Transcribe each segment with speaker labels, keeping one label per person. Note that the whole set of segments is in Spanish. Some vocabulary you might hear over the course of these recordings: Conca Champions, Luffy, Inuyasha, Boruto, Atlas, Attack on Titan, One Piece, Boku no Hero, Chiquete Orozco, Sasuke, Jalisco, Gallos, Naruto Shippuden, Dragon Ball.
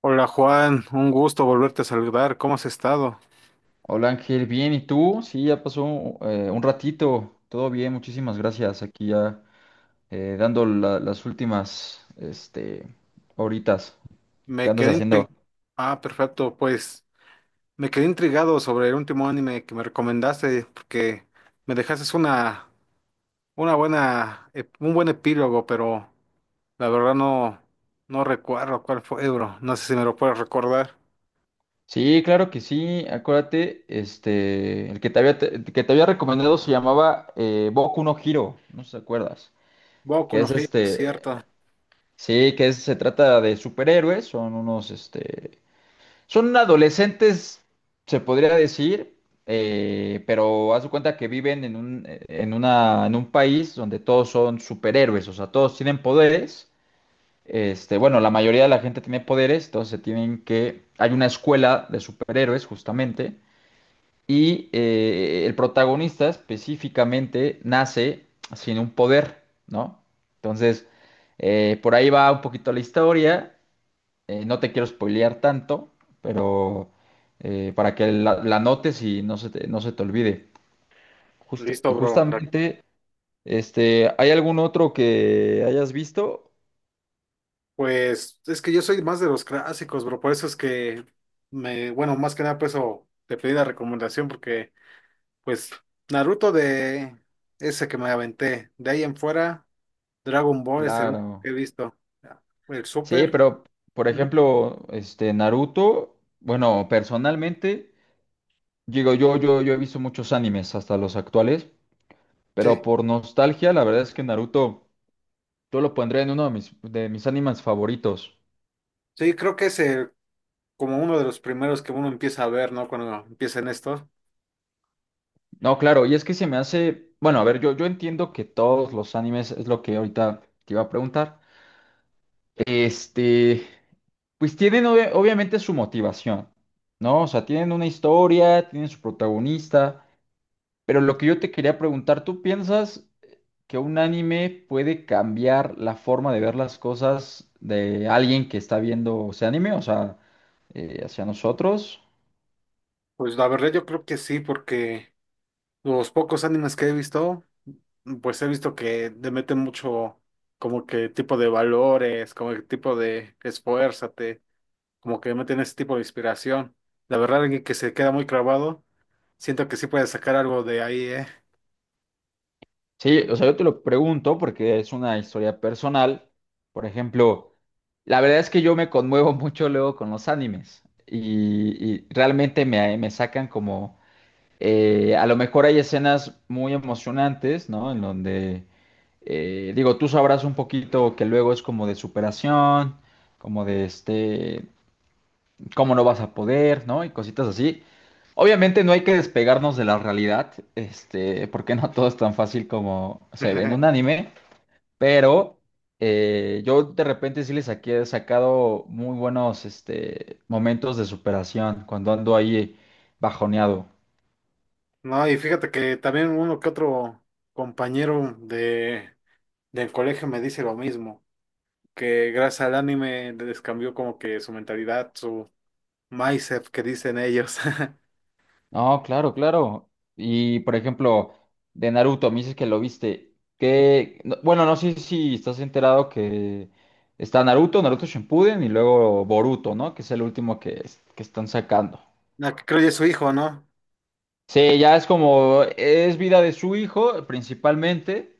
Speaker 1: Hola Juan, un gusto volverte a saludar. ¿Cómo has estado?
Speaker 2: Hola Ángel, bien, ¿y tú? Sí, ya pasó un ratito, todo bien, muchísimas gracias. Aquí ya dando las últimas, horitas. ¿Qué
Speaker 1: Me
Speaker 2: andas
Speaker 1: quedé
Speaker 2: haciendo?
Speaker 1: intrigado. Ah, perfecto. Pues me quedé intrigado sobre el último anime que me recomendaste porque me dejaste un buen epílogo, pero la verdad no, no recuerdo cuál fue, bro. No sé si me lo puedes recordar.
Speaker 2: Sí, claro que sí, acuérdate, el que te había recomendado se llamaba Boku no Hero, no sé si te acuerdas,
Speaker 1: Boku
Speaker 2: que
Speaker 1: no
Speaker 2: es
Speaker 1: Hero, cierto.
Speaker 2: sí, se trata de superhéroes, son unos, son adolescentes, se podría decir, pero haz de cuenta que viven en en un país donde todos son superhéroes, o sea, todos tienen poderes. Bueno, la mayoría de la gente tiene poderes, entonces se tienen que. Hay una escuela de superhéroes, justamente, y el protagonista específicamente nace sin un poder, ¿no? Entonces, por ahí va un poquito la historia. No te quiero spoilear tanto, pero para que la notes y no se te olvide. Y
Speaker 1: Listo, bro. La-
Speaker 2: justamente, ¿hay algún otro que hayas visto?
Speaker 1: Pues es que yo soy más de los clásicos, bro. Por eso es que bueno, más que nada por eso te pedí la recomendación porque pues Naruto, de ese que me aventé. De ahí en fuera, Dragon Ball es el único que
Speaker 2: Claro.
Speaker 1: he visto. El
Speaker 2: Sí,
Speaker 1: Super.
Speaker 2: pero, por
Speaker 1: Ujú.
Speaker 2: ejemplo, Naruto, bueno, personalmente, digo, yo he visto muchos animes, hasta los actuales,
Speaker 1: Sí.
Speaker 2: pero por nostalgia, la verdad es que Naruto, yo lo pondré en uno de de mis animes favoritos.
Speaker 1: Sí, creo que como uno de los primeros que uno empieza a ver, ¿no? Cuando empiezan estos.
Speaker 2: No, claro, y es que se me hace, bueno, a ver, yo entiendo que todos los animes es lo que ahorita te iba a preguntar. Este, pues tienen obviamente su motivación, ¿no? O sea, tienen una historia, tienen su protagonista, pero lo que yo te quería preguntar, ¿tú piensas que un anime puede cambiar la forma de ver las cosas de alguien que está viendo ese anime, o sea, hacia nosotros?
Speaker 1: Pues la verdad yo creo que sí, porque los pocos animes que he visto, pues he visto que le meten mucho como que tipo de valores, como que tipo de esfuérzate, como que meten ese tipo de inspiración. La verdad es que se queda muy clavado. Siento que sí puedes sacar algo de ahí, ¿eh?
Speaker 2: Sí, o sea, yo te lo pregunto porque es una historia personal. Por ejemplo, la verdad es que yo me conmuevo mucho luego con los animes y realmente me sacan como, a lo mejor hay escenas muy emocionantes, ¿no? En donde, digo, tú sabrás un poquito que luego es como de superación, como de cómo no vas a poder, ¿no? Y cositas así. Obviamente no hay que despegarnos de la realidad, porque no todo es tan fácil como se ve en un anime, pero yo de repente he sacado muy buenos momentos de superación cuando ando ahí bajoneado.
Speaker 1: No, y fíjate que también uno que otro compañero del colegio me dice lo mismo, que gracias al anime les cambió como que su mentalidad, su mindset que dicen ellos.
Speaker 2: No, claro, claro. Y por ejemplo, de Naruto, me dices que lo viste. Que, bueno, no sé si estás enterado que está Naruto, Naruto Shippuden y luego Boruto, ¿no? Que es el último que están sacando.
Speaker 1: No, que creo que es su hijo, ¿no?
Speaker 2: Sí, ya es como, es vida de su hijo principalmente.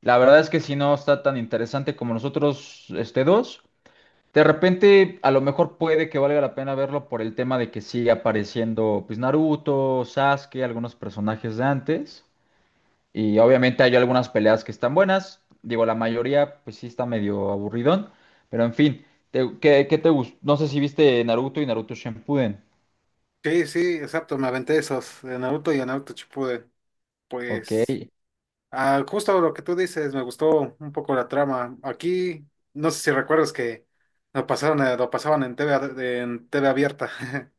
Speaker 2: La verdad es que si no está tan interesante como nosotros, este dos. De repente, a lo mejor puede que valga la pena verlo por el tema de que sigue apareciendo, pues Naruto, Sasuke, algunos personajes de antes. Y obviamente hay algunas peleas que están buenas. Digo, la mayoría, pues sí está medio aburridón. Pero en fin, qué te gustó? No sé si viste Naruto y Naruto Shippuden.
Speaker 1: Sí, sí, exacto, me aventé esos de Naruto y de Naruto Shippuden.
Speaker 2: Ok.
Speaker 1: Pues, ah, justo lo que tú dices, me gustó un poco la trama. Aquí, no sé si recuerdas que lo pasaban en TV, en T V abierta.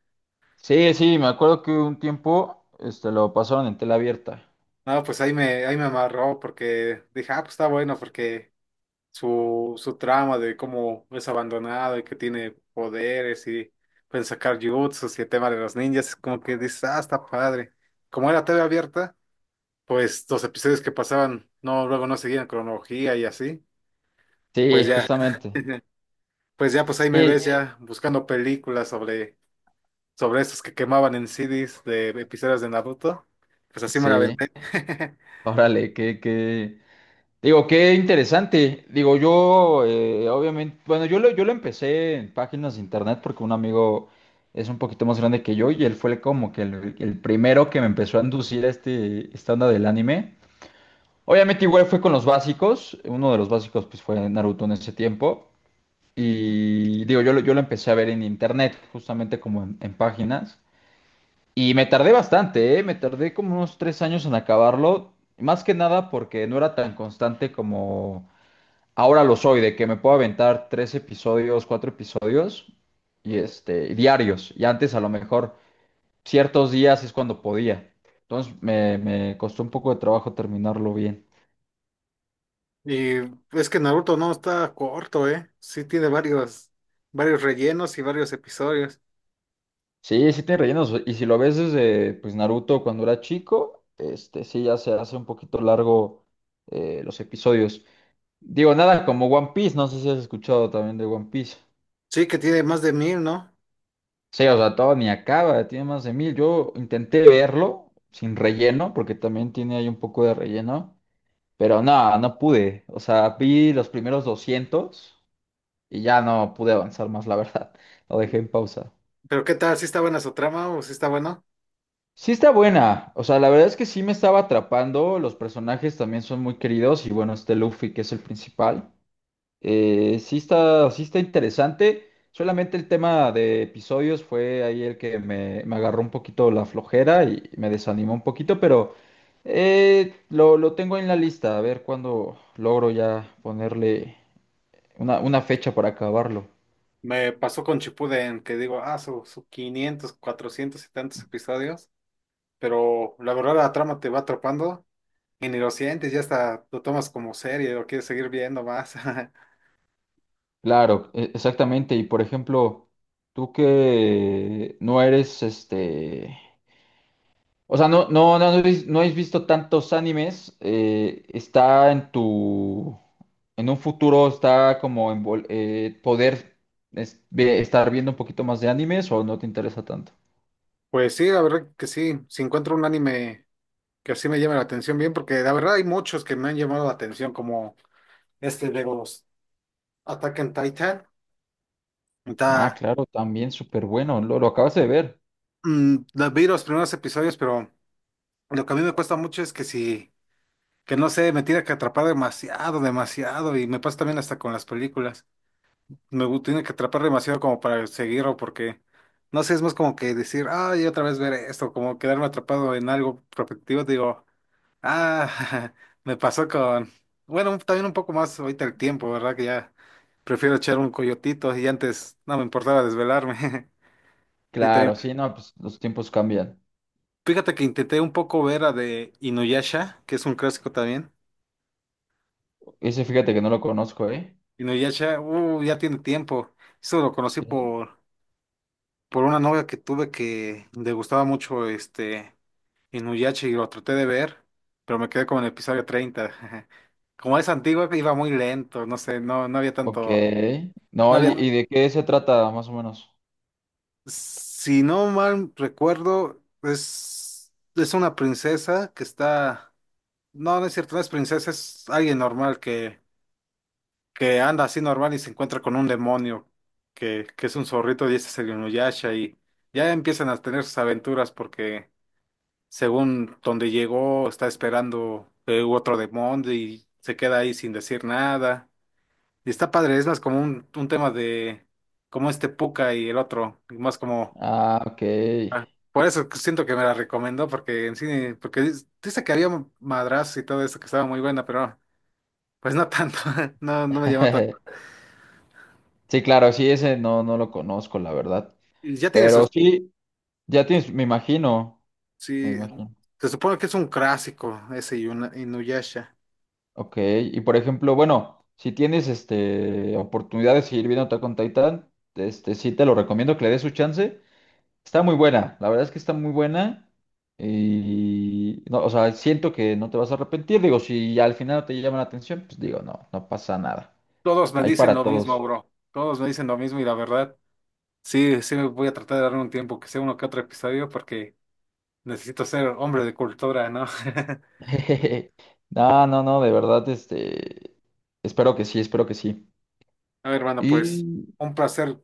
Speaker 2: Sí, sí, me acuerdo que un tiempo lo pasaron en tela abierta.
Speaker 1: No, pues ahí me amarró porque dije, ah, pues está bueno porque su trama de cómo es abandonado y que tiene poderes y pueden sacar jutsus y el tema de los ninjas, como que dices, ah, está padre. Como era TV abierta, pues los episodios que pasaban, no, luego no seguían cronología y así, pues
Speaker 2: Sí,
Speaker 1: ya,
Speaker 2: justamente.
Speaker 1: pues ya, pues ahí me
Speaker 2: Sí,
Speaker 1: ves ya buscando películas sobre, esos que quemaban en CDs de episodios de Naruto, pues así me la
Speaker 2: sí.
Speaker 1: aventé.
Speaker 2: Órale, digo, qué interesante. Digo, yo, obviamente, bueno, yo lo empecé en páginas de internet porque un amigo es un poquito más grande que yo y él fue como que el primero que me empezó a inducir a esta onda del anime. Obviamente igual fue con los básicos, uno de los básicos pues fue Naruto en ese tiempo y digo, yo lo empecé a ver en internet, justamente como en páginas y me tardé bastante, ¿eh? Me tardé como unos 3 años en acabarlo, más que nada porque no era tan constante como... Ahora lo soy, de que me puedo aventar 3 episodios, 4 episodios, y diarios. Y antes a lo mejor ciertos días es cuando podía. Entonces me costó un poco de trabajo terminarlo bien.
Speaker 1: Y es que Naruto no está corto, ¿eh? Sí tiene varios rellenos y varios episodios.
Speaker 2: Sí, sí tiene rellenos. Y si lo ves desde pues Naruto cuando era chico, este sí ya se hace un poquito largo los episodios. Digo, nada, como One Piece, no sé si has escuchado también de One Piece.
Speaker 1: Sí que tiene más de 1.000, ¿no?
Speaker 2: Sí, o sea, todo ni acaba, tiene más de mil. Yo intenté verlo sin relleno, porque también tiene ahí un poco de relleno, pero no, no pude. O sea, vi los primeros 200 y ya no pude avanzar más, la verdad. Lo dejé en pausa.
Speaker 1: Pero ¿qué tal? ¿Sí está buena su trama o sí está bueno?
Speaker 2: Sí está buena, o sea, la verdad es que sí me estaba atrapando, los personajes también son muy queridos y bueno, este Luffy que es el principal. Sí está interesante. Solamente el tema de episodios fue ahí el que me agarró un poquito la flojera y me desanimó un poquito, pero lo tengo en la lista. A ver cuándo logro ya ponerle una fecha para acabarlo.
Speaker 1: Me pasó con Shippuden, que digo, ah, su 500, 400 y tantos episodios. Pero la verdad la trama te va atrapando y ni lo sientes, ya hasta lo tomas como serie, lo quieres seguir viendo más.
Speaker 2: Claro, exactamente. Y por ejemplo, tú que no eres este. O sea, no habéis visto tantos animes. Está en tu, en un futuro está como en poder estar viendo un poquito más de animes o no te interesa tanto.
Speaker 1: Pues sí, la verdad que sí. Si encuentro un anime que así me llame la atención bien, porque la verdad hay muchos que me han llamado la atención como... este de los Attack on Titan.
Speaker 2: Ah,
Speaker 1: Está,
Speaker 2: claro, también súper bueno. Lo acabas de ver.
Speaker 1: Vi los primeros episodios, pero lo que a mí me cuesta mucho es que si, que no sé, me tiene que atrapar demasiado, demasiado, y me pasa también hasta con las películas. Tiene que atrapar demasiado como para seguirlo, porque, no sé, es más como que decir, ay, otra vez ver esto, como quedarme atrapado en algo repetitivo, digo, ah, me pasó con, bueno, también un poco más ahorita el tiempo, ¿verdad? Que ya prefiero echar un coyotito y antes no me importaba desvelarme. Sí, también.
Speaker 2: Claro, sí, no, pues los tiempos cambian.
Speaker 1: Fíjate que intenté un poco ver a de Inuyasha, que es un clásico también.
Speaker 2: Ese fíjate que no lo conozco, ¿eh?
Speaker 1: Inuyasha, ya tiene tiempo. Eso lo conocí
Speaker 2: Sí.
Speaker 1: por, una novia que tuve que le gustaba mucho este Inuyasha y lo traté de ver, pero me quedé como en el episodio 30. Como es antiguo, iba muy lento, no sé, no, no había
Speaker 2: Ok.
Speaker 1: tanto, no
Speaker 2: No,
Speaker 1: había,
Speaker 2: y de qué se trata más o menos?
Speaker 1: si no mal recuerdo, es una princesa que está, no, no es cierto, no es princesa, es alguien normal que anda así normal y se encuentra con un demonio que es un zorrito y ese es el Inuyasha y ya empiezan a tener sus aventuras porque según donde llegó está esperando otro demonio y se queda ahí sin decir nada. Y está padre, es más como un tema de como este Puka y el otro, y más como
Speaker 2: Ah, ok.
Speaker 1: ah, por eso siento que me la recomendó porque en cine, porque dice que había madrazos y todo eso que estaba muy buena, pero no, pues no tanto, no, no me llamó tanto.
Speaker 2: Sí, claro, sí, ese no, no lo conozco, la verdad.
Speaker 1: Y ya tiene
Speaker 2: Pero
Speaker 1: sus
Speaker 2: sí. Ya tienes, me imagino, me
Speaker 1: Sí,
Speaker 2: imagino.
Speaker 1: se supone que es un clásico ese Inuyasha.
Speaker 2: Ok, y por ejemplo, bueno, si tienes este oportunidad de seguir viendo Attack on Titan, este sí te lo recomiendo que le des su chance. Está muy buena, la verdad es que está muy buena. Y no, o sea, siento que no te vas a arrepentir. Digo, si al final no te llama la atención, pues digo, no, no pasa nada.
Speaker 1: Todos me
Speaker 2: Hay
Speaker 1: dicen
Speaker 2: para
Speaker 1: lo mismo,
Speaker 2: todos.
Speaker 1: bro. Todos me dicen lo mismo y la verdad, sí, sí me voy a tratar de darle un tiempo que sea uno que otro episodio porque necesito ser hombre de cultura, ¿no?
Speaker 2: No, no, no, de verdad, espero que sí, espero que sí.
Speaker 1: A ver, hermano,
Speaker 2: Y
Speaker 1: pues un placer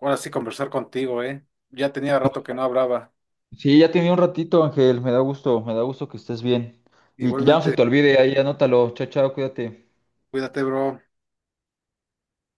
Speaker 1: ahora sí conversar contigo, ¿eh? Ya tenía rato que no hablaba.
Speaker 2: sí, ya tenía un ratito, Ángel. Me da gusto que estés bien. Y que ya no se
Speaker 1: Igualmente,
Speaker 2: te olvide, ahí anótalo. Chao, chao, cuídate.
Speaker 1: cuídate, bro.